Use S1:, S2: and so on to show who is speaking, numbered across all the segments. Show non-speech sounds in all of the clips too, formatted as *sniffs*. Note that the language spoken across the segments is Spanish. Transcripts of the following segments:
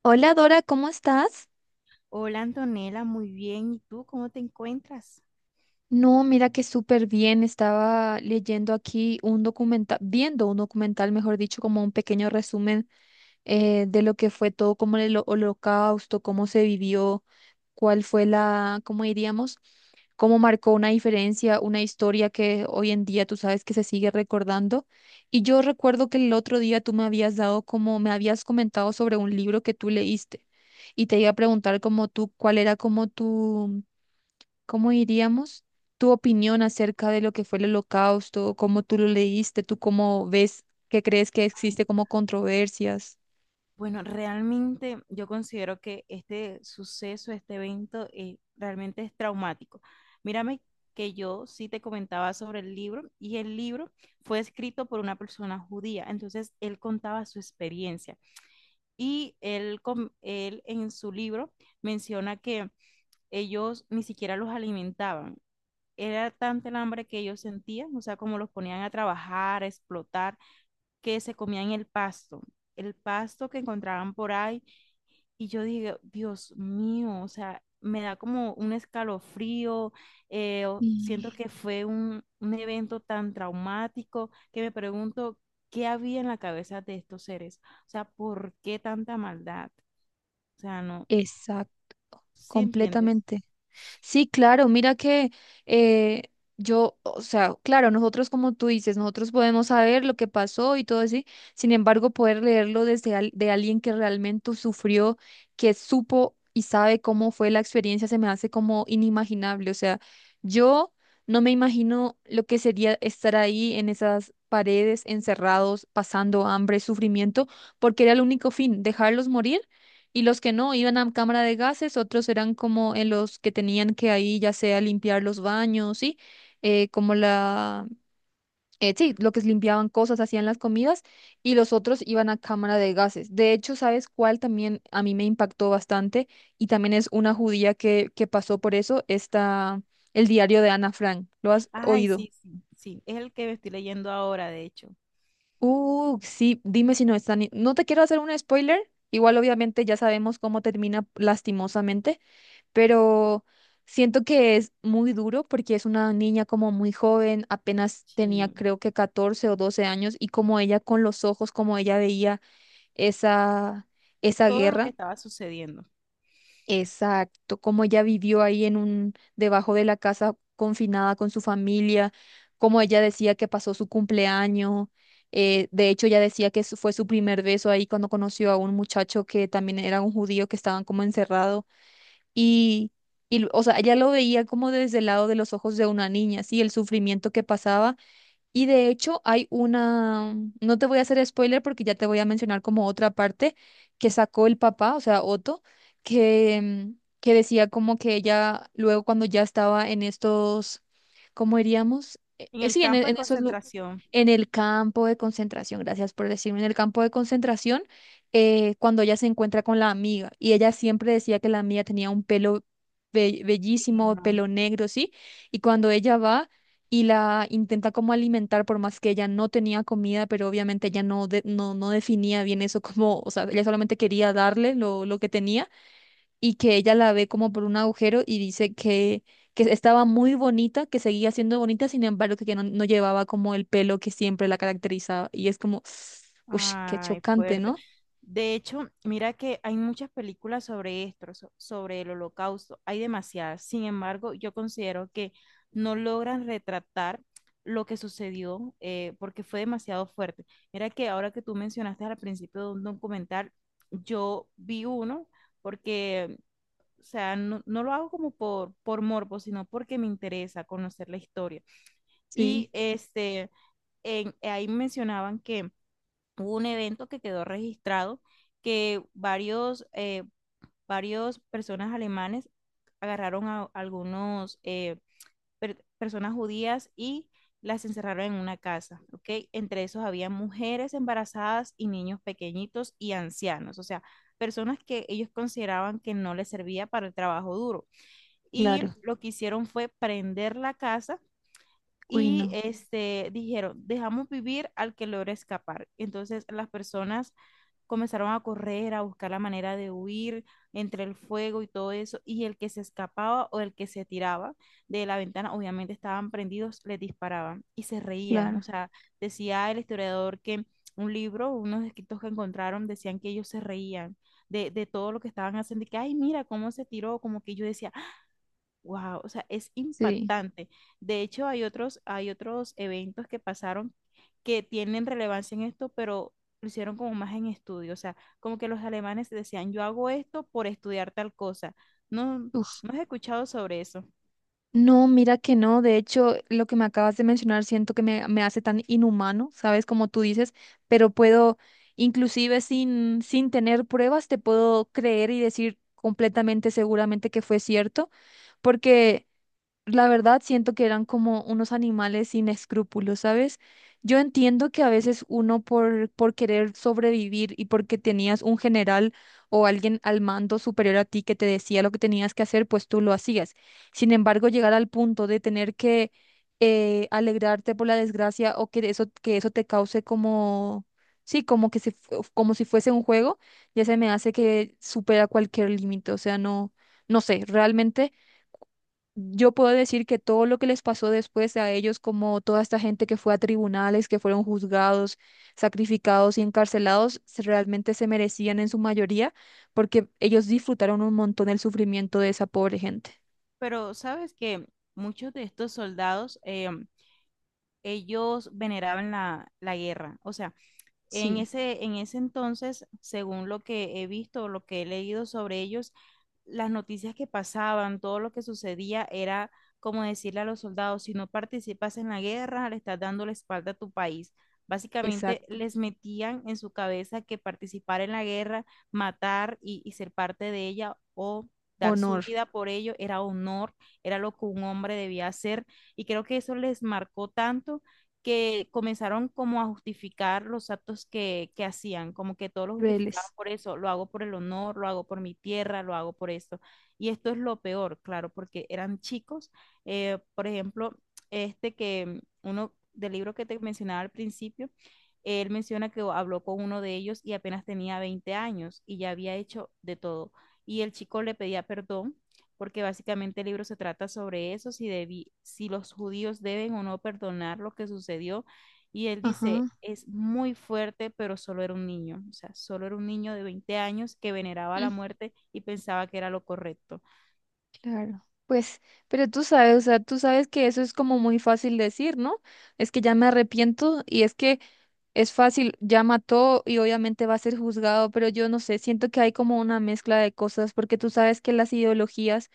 S1: Hola Dora, ¿cómo estás?
S2: Hola Antonella, muy bien. ¿Y tú cómo te encuentras?
S1: No, mira que súper bien. Estaba leyendo aquí un documental, viendo un documental, mejor dicho, como un pequeño resumen de lo que fue todo, como el holocausto, cómo se vivió, cuál fue la, cómo diríamos, cómo marcó una diferencia, una historia que hoy en día tú sabes que se sigue recordando. Y yo recuerdo que el otro día tú me habías dado como, me habías comentado sobre un libro que tú leíste y te iba a preguntar como tú, cuál era como tu ¿cómo diríamos? Tu opinión acerca de lo que fue el Holocausto, cómo tú lo leíste, tú cómo ves, qué crees que existe como controversias.
S2: Bueno, realmente yo considero que este suceso, este evento, realmente es traumático. Mírame que yo sí te comentaba sobre el libro y el libro fue escrito por una persona judía. Entonces, él contaba su experiencia y él en su libro menciona que ellos ni siquiera los alimentaban. Era tanta el hambre que ellos sentían, o sea, como los ponían a trabajar, a explotar que se comían el pasto que encontraban por ahí. Y yo dije, Dios mío, o sea, me da como un escalofrío, siento
S1: Y-
S2: que fue un evento tan traumático que me pregunto qué había en la cabeza de estos seres, o sea, ¿por qué tanta maldad? O sea, no,
S1: Exacto,
S2: ¿sí entiendes?
S1: completamente. Sí, claro, mira que eh, yo, o sea, claro, nosotros como tú dices, nosotros podemos saber lo que pasó y todo así, sin embargo, poder leerlo desde de alguien que realmente sufrió, que supo y sabe cómo fue la experiencia, se me hace como inimaginable. O sea, yo no me imagino lo que sería estar ahí en esas paredes, encerrados, pasando hambre, sufrimiento, porque era el único fin, dejarlos morir y los que no iban a cámara de gases, otros eran como en los que tenían que ahí ya sea limpiar los baños, ¿sí? Como la, sí, lo que es limpiaban cosas, hacían las comidas, y los otros iban a cámara de gases. De hecho, ¿sabes cuál también a mí me impactó bastante? Y también es una judía que pasó por eso, está el diario de Ana Frank. ¿Lo has
S2: Ay,
S1: oído?
S2: sí, sí, sí, es el que me estoy leyendo ahora, de hecho.
S1: Sí, dime si no están. No te quiero hacer un spoiler. Igual obviamente ya sabemos cómo termina lastimosamente, pero siento que es muy duro porque es una niña como muy joven, apenas tenía
S2: Sí,
S1: creo que 14 o 12 años y como ella con los ojos, como ella veía esa, esa
S2: todo lo que
S1: guerra,
S2: estaba sucediendo.
S1: exacto, como ella vivió ahí en un, debajo de la casa confinada con su familia, como ella decía que pasó su cumpleaños. Eh, de hecho, ella decía que fue su primer beso ahí cuando conoció a un muchacho que también era un judío que estaban como encerrado. Y, o sea, ella lo veía como desde el lado de los ojos de una niña, sí, el sufrimiento que pasaba y de hecho hay una, no te voy a hacer spoiler porque ya te voy a mencionar como otra parte que sacó el papá, o sea, Otto, que, que decía como que ella luego cuando ya estaba en estos, ¿cómo diríamos?
S2: En el
S1: Sí,
S2: campo de
S1: en esos,
S2: concentración.
S1: en el campo de concentración, gracias por decirme, en el campo de concentración, cuando ella se encuentra con la amiga y ella siempre decía que la amiga tenía un pelo bellísimo,
S2: No.
S1: pelo negro, ¿sí? Y cuando ella va y la intenta como alimentar por más que ella no tenía comida, pero obviamente ella no, no, no definía bien eso como, o sea, ella solamente quería darle lo que tenía y que ella la ve como por un agujero y dice que estaba muy bonita, que seguía siendo bonita, sin embargo que no, no llevaba como el pelo que siempre la caracterizaba y es como, *sniffs* uff, qué
S2: Ay,
S1: chocante,
S2: fuerte.
S1: ¿no?
S2: De hecho, mira que hay muchas películas sobre esto, sobre el holocausto. Hay demasiadas. Sin embargo, yo considero que no logran retratar lo que sucedió porque fue demasiado fuerte. Mira que ahora que tú mencionaste al principio de un documental, yo vi uno porque, o sea, no, no lo hago como por morbo, sino porque me interesa conocer la historia. Y
S1: Sí,
S2: este, ahí mencionaban que hubo un evento que quedó registrado que varios personas alemanes agarraron a algunos personas judías y las encerraron en una casa, ¿ok? Entre esos había mujeres embarazadas y niños pequeñitos y ancianos, o sea, personas que ellos consideraban que no les servía para el trabajo duro. Y
S1: claro,
S2: lo que hicieron fue prender la casa
S1: uy,
S2: y
S1: no,
S2: este, dijeron, dejamos vivir al que logra escapar. Entonces las personas comenzaron a correr, a buscar la manera de huir entre el fuego y todo eso, y el que se escapaba o el que se tiraba de la ventana, obviamente estaban prendidos, les disparaban y se reían. O
S1: claro,
S2: sea, decía el historiador que un libro, unos escritos que encontraron, decían que ellos se reían de todo lo que estaban haciendo y que, ay, mira cómo se tiró, como que yo decía, wow, o sea, es
S1: sí.
S2: impactante. De hecho, hay otros eventos que pasaron que tienen relevancia en esto, pero lo hicieron como más en estudio. O sea, como que los alemanes decían, yo hago esto por estudiar tal cosa. No,
S1: Uf.
S2: no has escuchado sobre eso.
S1: No, mira que no. De hecho, lo que me acabas de mencionar siento que me hace tan inhumano, ¿sabes? Como tú dices, pero puedo, inclusive sin, sin tener pruebas, te puedo creer y decir completamente seguramente que fue cierto, porque la verdad, siento que eran como unos animales sin escrúpulos, ¿sabes? Yo entiendo que a veces uno por querer sobrevivir y porque tenías un general o alguien al mando superior a ti que te decía lo que tenías que hacer, pues tú lo hacías. Sin embargo, llegar al punto de tener que alegrarte por la desgracia o que eso te cause como, sí, como que si como si fuese un juego, ya se me hace que supera cualquier límite. O sea, no, no sé, realmente. Yo puedo decir que todo lo que les pasó después a ellos, como toda esta gente que fue a tribunales, que fueron juzgados, sacrificados y encarcelados, realmente se merecían en su mayoría porque ellos disfrutaron un montón el sufrimiento de esa pobre gente.
S2: Pero sabes que muchos de estos soldados, ellos veneraban la guerra. O sea, en
S1: Sí,
S2: ese, en ese entonces, según lo que he visto, lo que he leído sobre ellos, las noticias que pasaban, todo lo que sucedía era como decirle a los soldados, si no participas en la guerra, le estás dando la espalda a tu país. Básicamente
S1: exacto.
S2: les metían en su cabeza que participar en la guerra, matar y ser parte de ella o dar su
S1: Honor.
S2: vida por ello era honor, era lo que un hombre debía hacer. Y creo que eso les marcó tanto que comenzaron como a justificar los actos que hacían, como que todos lo justificaban
S1: Reles.
S2: por eso, lo hago por el honor, lo hago por mi tierra, lo hago por esto. Y esto es lo peor, claro, porque eran chicos, por ejemplo, este que uno del libro que te mencionaba al principio, él menciona que habló con uno de ellos y apenas tenía 20 años y ya había hecho de todo. Y el chico le pedía perdón porque básicamente el libro se trata sobre eso, si los judíos deben o no perdonar lo que sucedió. Y él dice,
S1: Ajá.
S2: es muy fuerte, pero solo era un niño, o sea, solo era un niño de 20 años que veneraba la
S1: Mm.
S2: muerte y pensaba que era lo correcto.
S1: Claro. Pues, pero tú sabes, o sea, tú sabes que eso es como muy fácil decir, ¿no? Es que ya me arrepiento y es que... Es fácil, ya mató y obviamente va a ser juzgado, pero yo no sé, siento que hay como una mezcla de cosas, porque tú sabes que las ideologías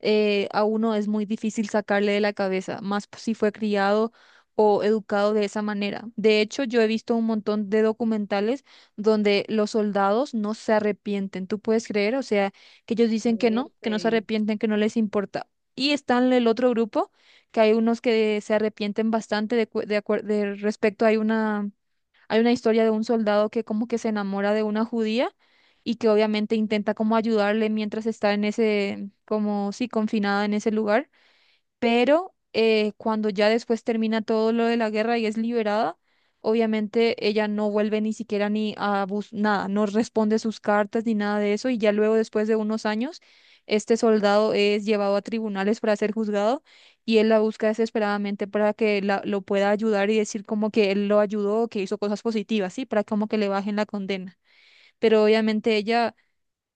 S1: a uno es muy difícil sacarle de la cabeza, más si fue criado o educado de esa manera. De hecho, yo he visto un montón de documentales donde los soldados no se arrepienten, ¿tú puedes creer? O sea, que ellos dicen que no se
S2: Fuerte.
S1: arrepienten, que no les importa. Y están el otro grupo, que hay unos que se arrepienten bastante de, de de respecto, hay una historia de un soldado que como que se enamora de una judía y que obviamente intenta como ayudarle mientras está en ese, como sí, confinada en ese lugar pero cuando ya después termina todo lo de la guerra y es liberada, obviamente ella no vuelve ni siquiera ni a bus nada, no responde sus cartas ni nada de eso y ya luego después de unos años este soldado es llevado a tribunales para ser juzgado y él la busca desesperadamente para que lo pueda ayudar y decir como que él lo ayudó, que hizo cosas positivas, ¿sí? Para como que le bajen la condena. Pero obviamente ella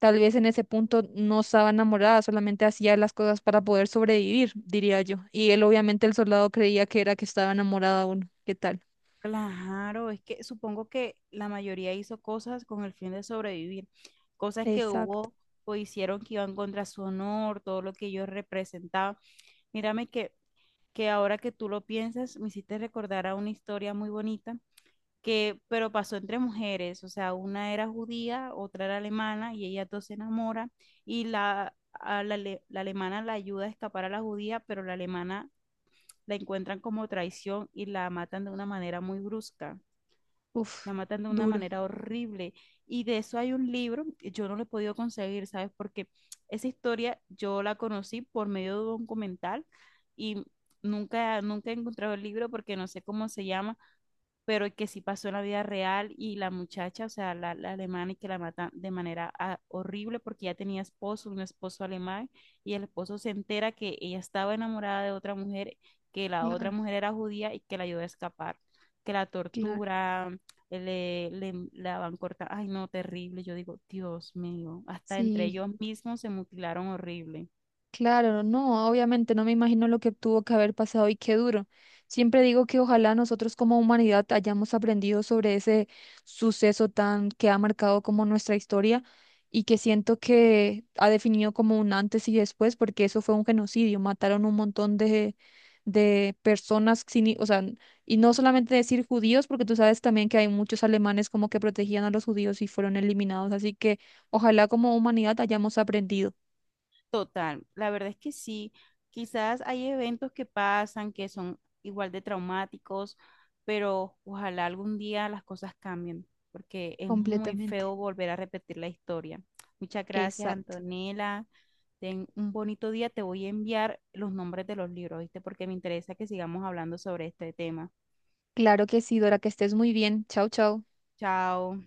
S1: tal vez en ese punto no estaba enamorada, solamente hacía las cosas para poder sobrevivir, diría yo. Y él, obviamente, el soldado creía que era que estaba enamorada uno. ¿Qué tal?
S2: Claro, es que supongo que la mayoría hizo cosas con el fin de sobrevivir, cosas que
S1: Exacto.
S2: hubo o hicieron que iban contra su honor, todo lo que ellos representaban. Mírame que ahora que tú lo piensas, me hiciste recordar a una historia muy bonita que, pero pasó entre mujeres, o sea, una era judía, otra era alemana y ellas dos se enamoran y la alemana la ayuda a escapar a la judía, pero la alemana la encuentran como traición y la matan de una manera muy brusca.
S1: Uf,
S2: La matan de una
S1: duro.
S2: manera horrible. Y de eso hay un libro, yo no lo he podido conseguir, ¿sabes? Porque esa historia yo la conocí por medio de un documental y nunca, nunca he encontrado el libro porque no sé cómo se llama, pero que sí pasó en la vida real y la muchacha, o sea, la alemana y que la matan de manera ah, horrible porque ya tenía esposo, un esposo alemán, y el esposo se entera que ella estaba enamorada de otra mujer, que la otra
S1: Claro,
S2: mujer era judía y que la ayudó a escapar, que la
S1: claro.
S2: tortura, le la van cortando, ay no, terrible, yo digo, Dios mío, hasta entre
S1: Sí.
S2: ellos mismos se mutilaron horrible.
S1: Claro, no, obviamente no me imagino lo que tuvo que haber pasado y qué duro. Siempre digo que ojalá nosotros como humanidad hayamos aprendido sobre ese suceso tan que ha marcado como nuestra historia y que siento que ha definido como un antes y después, porque eso fue un genocidio, mataron un montón de personas sin, o sea, y no solamente decir judíos, porque tú sabes también que hay muchos alemanes como que protegían a los judíos y fueron eliminados, así que ojalá como humanidad hayamos aprendido
S2: Total, la verdad es que sí. Quizás hay eventos que pasan que son igual de traumáticos, pero ojalá algún día las cosas cambien, porque es muy
S1: completamente.
S2: feo volver a repetir la historia. Muchas gracias,
S1: Exacto.
S2: Antonella. Ten un bonito día. Te voy a enviar los nombres de los libros, ¿viste? Porque me interesa que sigamos hablando sobre este tema.
S1: Claro que sí, Dora, que estés muy bien. Chao, chao.
S2: Chao.